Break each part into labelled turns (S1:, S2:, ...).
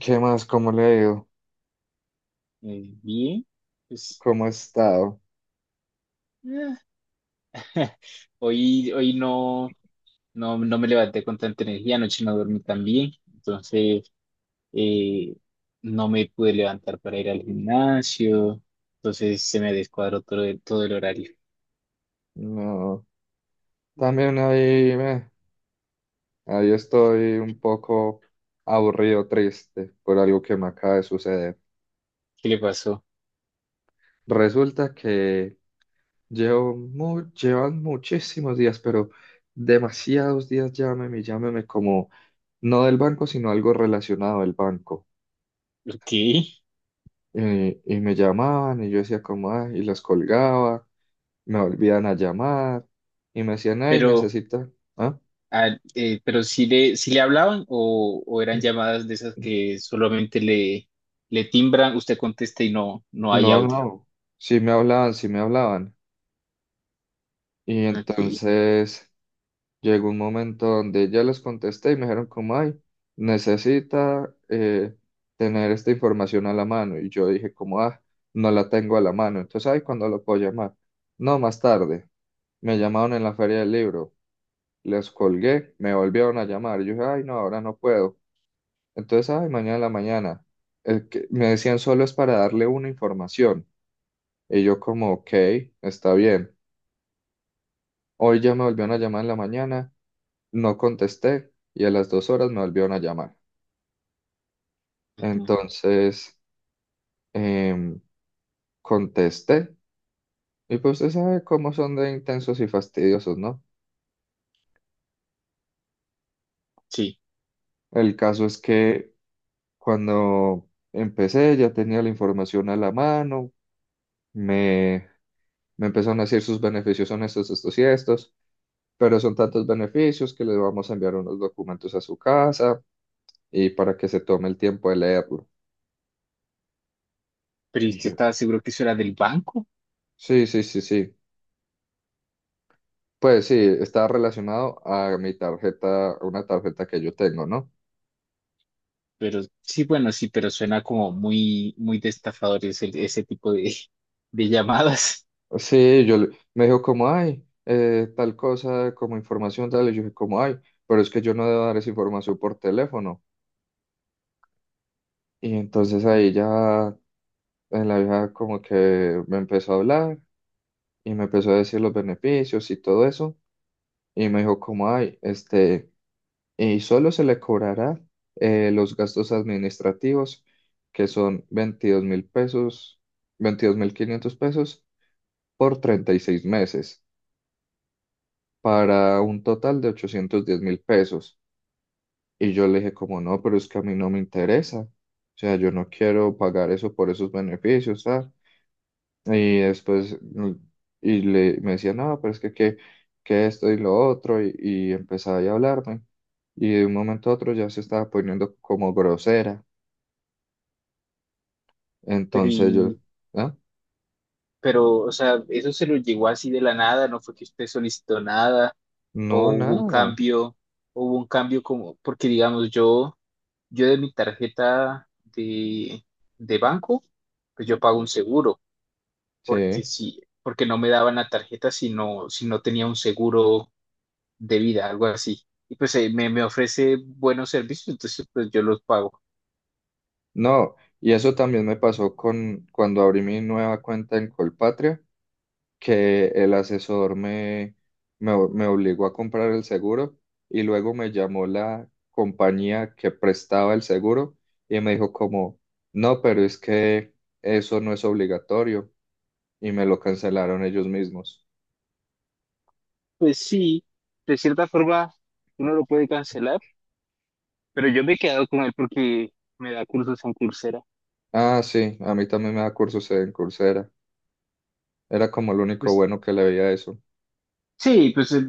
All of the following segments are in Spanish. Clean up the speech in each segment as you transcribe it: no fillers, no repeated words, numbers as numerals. S1: ¿Qué más? ¿Cómo le ha ido?
S2: Bien, pues
S1: ¿Cómo ha estado?
S2: eh, hoy no, no me levanté con tanta energía, anoche no dormí tan bien, entonces eh, no me pude levantar para ir al gimnasio, entonces se me descuadró todo el horario.
S1: No, también ahí, ahí estoy un poco aburrido, triste por algo que me acaba de suceder.
S2: ¿Qué le pasó?
S1: Resulta que llevan muchísimos días, pero demasiados días llámeme como no del banco, sino algo relacionado al banco.
S2: Ok,
S1: Y me llamaban y yo decía como, "Ay", y los colgaba, me volvían a llamar y me decían, ay,
S2: pero,
S1: necesita. ¿Ah?
S2: ah, pero si le hablaban o eran llamadas de esas que solamente le, le timbran, usted contesta y no, no hay
S1: No,
S2: audio.
S1: no, sí me hablaban, sí me hablaban. Y
S2: Ok,
S1: entonces llegó un momento donde ya les contesté y me dijeron como, ay, necesita tener esta información a la mano. Y yo dije como, ah, no la tengo a la mano. Entonces, ay, ¿cuándo lo puedo llamar? No, más tarde. Me llamaron en la feria del libro, les colgué, me volvieron a llamar. Yo dije, ay, no, ahora no puedo. Entonces, ay, mañana en la mañana. El que, me decían, solo es para darle una información. Y yo como, ok, está bien. Hoy ya me volvieron a llamar en la mañana, no contesté, y a las 2 horas me volvieron a llamar.
S2: ujú,
S1: Entonces, em, contesté y pues usted sabe cómo son de intensos y fastidiosos, ¿no?
S2: sí.
S1: El caso es que cuando empecé ya tenía la información a la mano, me, me empezaron a decir, sus beneficios son estos, estos y estos, pero son tantos beneficios que le vamos a enviar unos documentos a su casa y para que se tome el tiempo de leerlo.
S2: Pero yo
S1: Y yo,
S2: estaba seguro que eso era del banco.
S1: sí, sí, sí, sí. Pues sí, está relacionado a mi tarjeta, a una tarjeta que yo tengo, ¿no?
S2: Pero sí, bueno, sí, pero suena como muy, muy de estafadores ese tipo de llamadas.
S1: Sí, me dijo como, ay, tal cosa, como información, tal, y yo dije como, ay, pero es que yo no debo dar esa información por teléfono. Y entonces ahí ya la vieja como que me empezó a hablar y me empezó a decir los beneficios y todo eso. Y me dijo como, ay, este, y solo se le cobrará los gastos administrativos, que son 22.000 pesos, 22.500 pesos por 36 meses, para un total de 810.000 pesos. Y yo le dije, como no, pero es que a mí no me interesa. O sea, yo no quiero pagar eso por esos beneficios, ¿sabes? Y después y me decía, no, pero es que esto y lo otro, y empezaba ahí a hablarme. Y de un momento a otro ya se estaba poniendo como grosera.
S2: Pero,
S1: Entonces yo.
S2: y,
S1: ¿Ah?
S2: pero, o sea, eso se lo llegó así de la nada, no fue que usted solicitó nada,
S1: No,
S2: o hubo un
S1: nada,
S2: cambio, o hubo un cambio como, porque digamos, yo de mi tarjeta de, de banco, pues yo pago un seguro, porque
S1: sí,
S2: si, porque no me daban la tarjeta si no, si no tenía un seguro de vida, algo así. Y pues me, me ofrece buenos servicios, entonces pues yo los pago.
S1: no, y eso también me pasó con cuando abrí mi nueva cuenta en Colpatria, que el asesor me obligó a comprar el seguro, y luego me llamó la compañía que prestaba el seguro y me dijo como, no, pero es que eso no es obligatorio, y me lo cancelaron ellos mismos.
S2: Pues sí, de cierta forma uno lo puede cancelar, pero yo me he quedado con él porque me da cursos en Coursera.
S1: Ah, sí, a mí también me da cursos en Coursera, era como lo único
S2: Pues
S1: bueno que le veía a eso.
S2: sí, pues eh,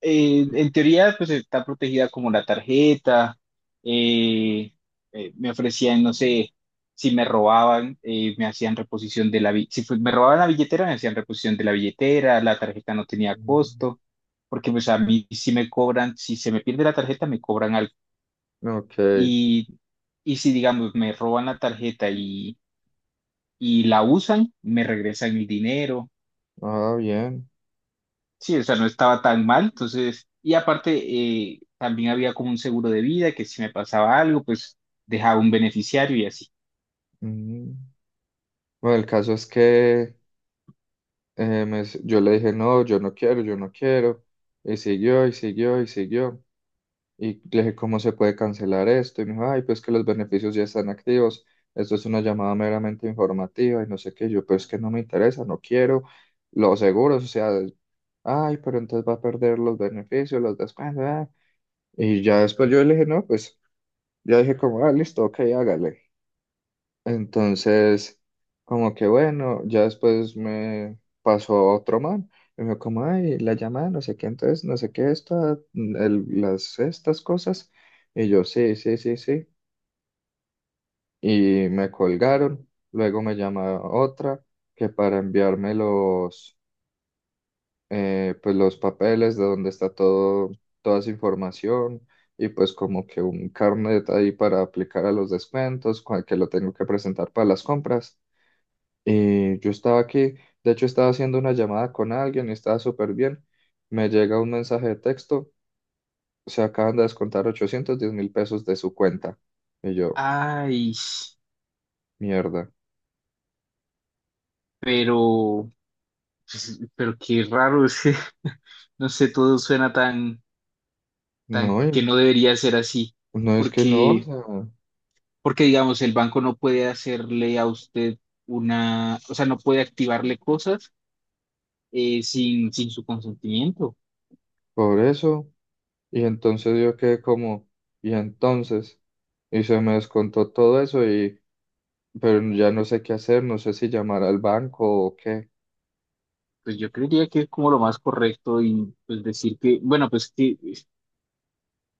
S2: eh, en teoría, pues está protegida como la tarjeta. eh, me ofrecían, no sé, si me robaban, me hacían reposición de la billetera. Si fue- Me robaban la billetera, me hacían reposición de la billetera. La tarjeta no tenía
S1: Ujú.
S2: costo, porque pues a mí si me cobran, si se me pierde la tarjeta, me cobran algo.
S1: Ok,
S2: Y, y si, digamos, me roban la tarjeta y la usan, me regresan el dinero.
S1: ah, bien.
S2: Sí, o sea, no estaba tan mal, entonces, y aparte, también había como un seguro de vida que si me pasaba algo, pues dejaba un beneficiario y así.
S1: Ujú. Bueno, el caso es que yo le dije, no, yo no quiero, yo no quiero. Y siguió, y siguió, y siguió. Y le dije, ¿cómo se puede cancelar esto? Y me dijo, ay, pues que los beneficios ya están activos. Esto es una llamada meramente informativa y no sé qué. Yo, pues que no me interesa, no quiero los seguros. O sea, ay, pero entonces va a perder los beneficios, los descuentos. Ah". Y ya después yo le dije, no, pues ya dije como, ah, listo, ok, hágale. Entonces, como que bueno, ya después me pasó otro man y me dijo como, ay, la llamada, no sé qué, entonces, no sé qué, esta, estas cosas. Y yo, sí, sí, sí, sí. Y me colgaron. Luego me llama otra que para enviarme pues los papeles de donde está todo, toda esa información, y pues como que un carnet ahí para aplicar a los descuentos, que lo tengo que presentar para las compras. Y yo estaba aquí, de hecho estaba haciendo una llamada con alguien y estaba súper bien. Me llega un mensaje de texto, se acaban de descontar 810.000 pesos de su cuenta. Y yo,
S2: Ay,
S1: mierda.
S2: pero, pues, pero qué raro, es que, no sé, todo suena tan, tan
S1: No,
S2: que
S1: y
S2: no debería ser así,
S1: no, es que no, o
S2: porque,
S1: sea,
S2: porque digamos, el banco no puede hacerle a usted una, o sea, no puede activarle cosas sin, sin su consentimiento.
S1: por eso. Y entonces yo quedé como, y entonces, y se me descontó todo eso y, pero ya no sé qué hacer, no sé si llamar al banco o qué.
S2: Pues yo creería que es como lo más correcto y pues decir que, bueno, pues que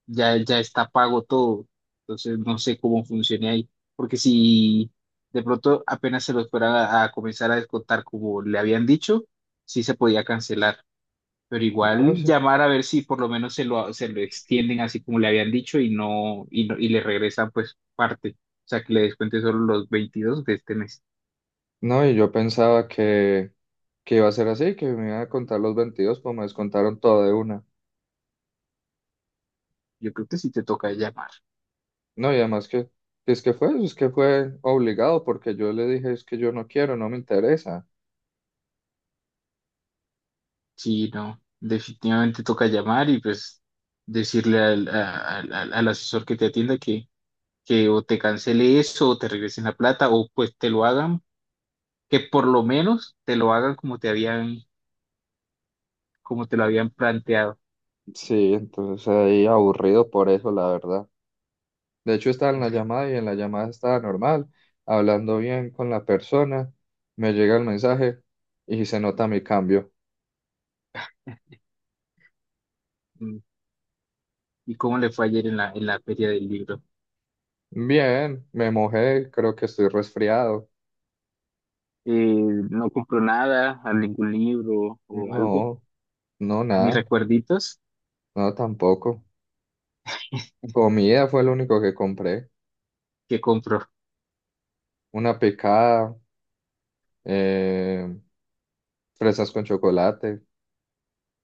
S2: ya, ya está pago todo, entonces no sé cómo funciona ahí, porque si de pronto apenas se los fueran a comenzar a descontar como le habían dicho, sí se podía cancelar, pero
S1: No, no
S2: igual
S1: sé.
S2: llamar a ver si por lo menos se lo extienden así como le habían dicho y no, y no, y le regresan pues parte, o sea que le descuente solo los 22 de este mes.
S1: No, y yo pensaba que iba a ser así, que me iban a contar los 22, pues me descontaron todo de una.
S2: Yo creo que sí te toca llamar.
S1: No, y además que es que fue, si es que fue obligado, porque yo le dije, es que yo no quiero, no me interesa.
S2: Sí, no, definitivamente toca llamar y pues decirle al, al asesor que te atienda que o te cancele eso o te regresen la plata o pues te lo hagan, que por lo menos te lo hagan como te habían, como te lo habían planteado.
S1: Sí, entonces ahí aburrido por eso, la verdad. De hecho, estaba en la llamada y en la llamada estaba normal, hablando bien con la persona, me llega el mensaje y se nota mi cambio.
S2: Mm, ¿y cómo le fue ayer en la feria del libro?
S1: Bien, me mojé, creo que estoy resfriado.
S2: Eh, ¿No compró nada, a ningún libro o algo,
S1: No, no,
S2: mis
S1: nada,
S2: recuerditos
S1: no tampoco. Comida fue lo único que compré.
S2: que compró?
S1: Una picada, eh, fresas con chocolate.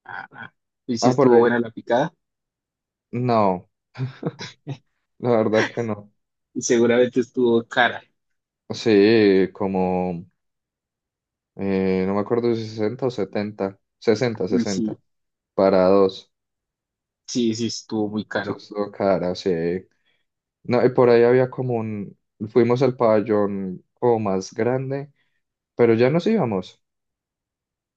S2: Ah, ah. ¿Y sí
S1: Ah, por
S2: estuvo buena
S1: ahí.
S2: la picada
S1: No, la verdad que no.
S2: y seguramente estuvo cara?
S1: Sí, como, no me acuerdo si 60 o 70, 60,
S2: Y sí,
S1: 60. Para dos.
S2: sí, sí estuvo muy
S1: Eso
S2: caro.
S1: estuvo cara, sí. No, y por ahí había como un. Fuimos al pabellón como más grande, pero ya nos íbamos.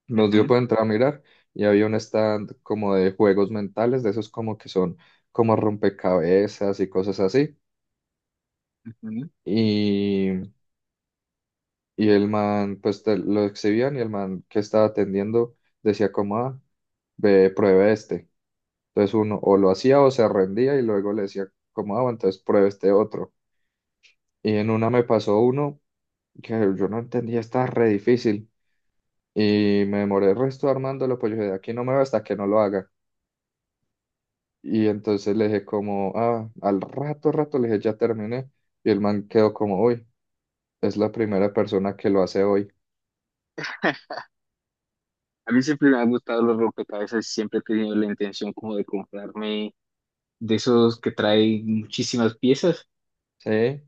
S1: Nos dio
S2: Ujú,
S1: por entrar a mirar y había un stand como de juegos mentales, de esos como que son como rompecabezas y cosas así.
S2: ujú.
S1: Y, y el man, pues lo exhibían, y el man que estaba atendiendo decía como, ah, ve, pruebe este. Entonces uno o lo hacía o se rendía, y luego le decía como, ah, bueno, entonces pruebe este otro. Y en una me pasó uno que yo no entendía, está re difícil. Y me demoré el resto armándolo, pues yo dije, de aquí no me va hasta que no lo haga. Y entonces le dije como, ah, al rato, rato, le dije, ya terminé. Y el man quedó como, uy, es la primera persona que lo hace hoy.
S2: A mí siempre me han gustado los rompecabezas y siempre he tenido la intención como de comprarme de esos que traen muchísimas piezas,
S1: Sí.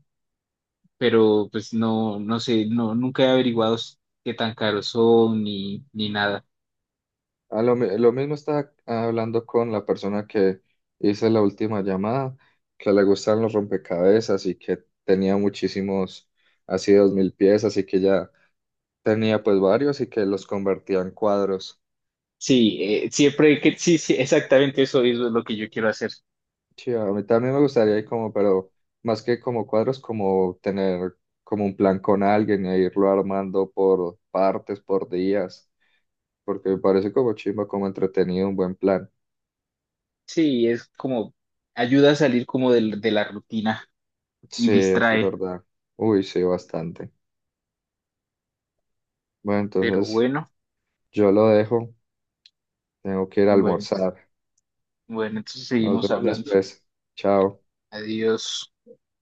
S2: pero pues no, no sé, no, nunca he averiguado qué tan caros son ni, ni nada.
S1: A lo, lo mismo estaba hablando con la persona que hice la última llamada, que le gustan los rompecabezas y que tenía muchísimos, así 2.000 piezas, y que ya tenía pues varios y que los convertía en cuadros.
S2: Sí, siempre que, sí, sí, exactamente eso es lo que yo quiero hacer.
S1: Sí, a mí también me gustaría ir como, pero más que como cuadros, como tener como un plan con alguien e irlo armando por partes, por días, porque me parece como chimba, como entretenido, un buen plan.
S2: Sí, es como ayuda a salir de, la rutina
S1: Sí,
S2: y
S1: eso es
S2: distrae,
S1: verdad. Uy, sí, bastante. Bueno,
S2: pero
S1: entonces.
S2: bueno,
S1: Yo lo dejo, tengo que ir a
S2: bueno, ent-
S1: almorzar.
S2: bueno, entonces
S1: Nos
S2: seguimos
S1: vemos
S2: hablando.
S1: después. Chao.
S2: Adiós.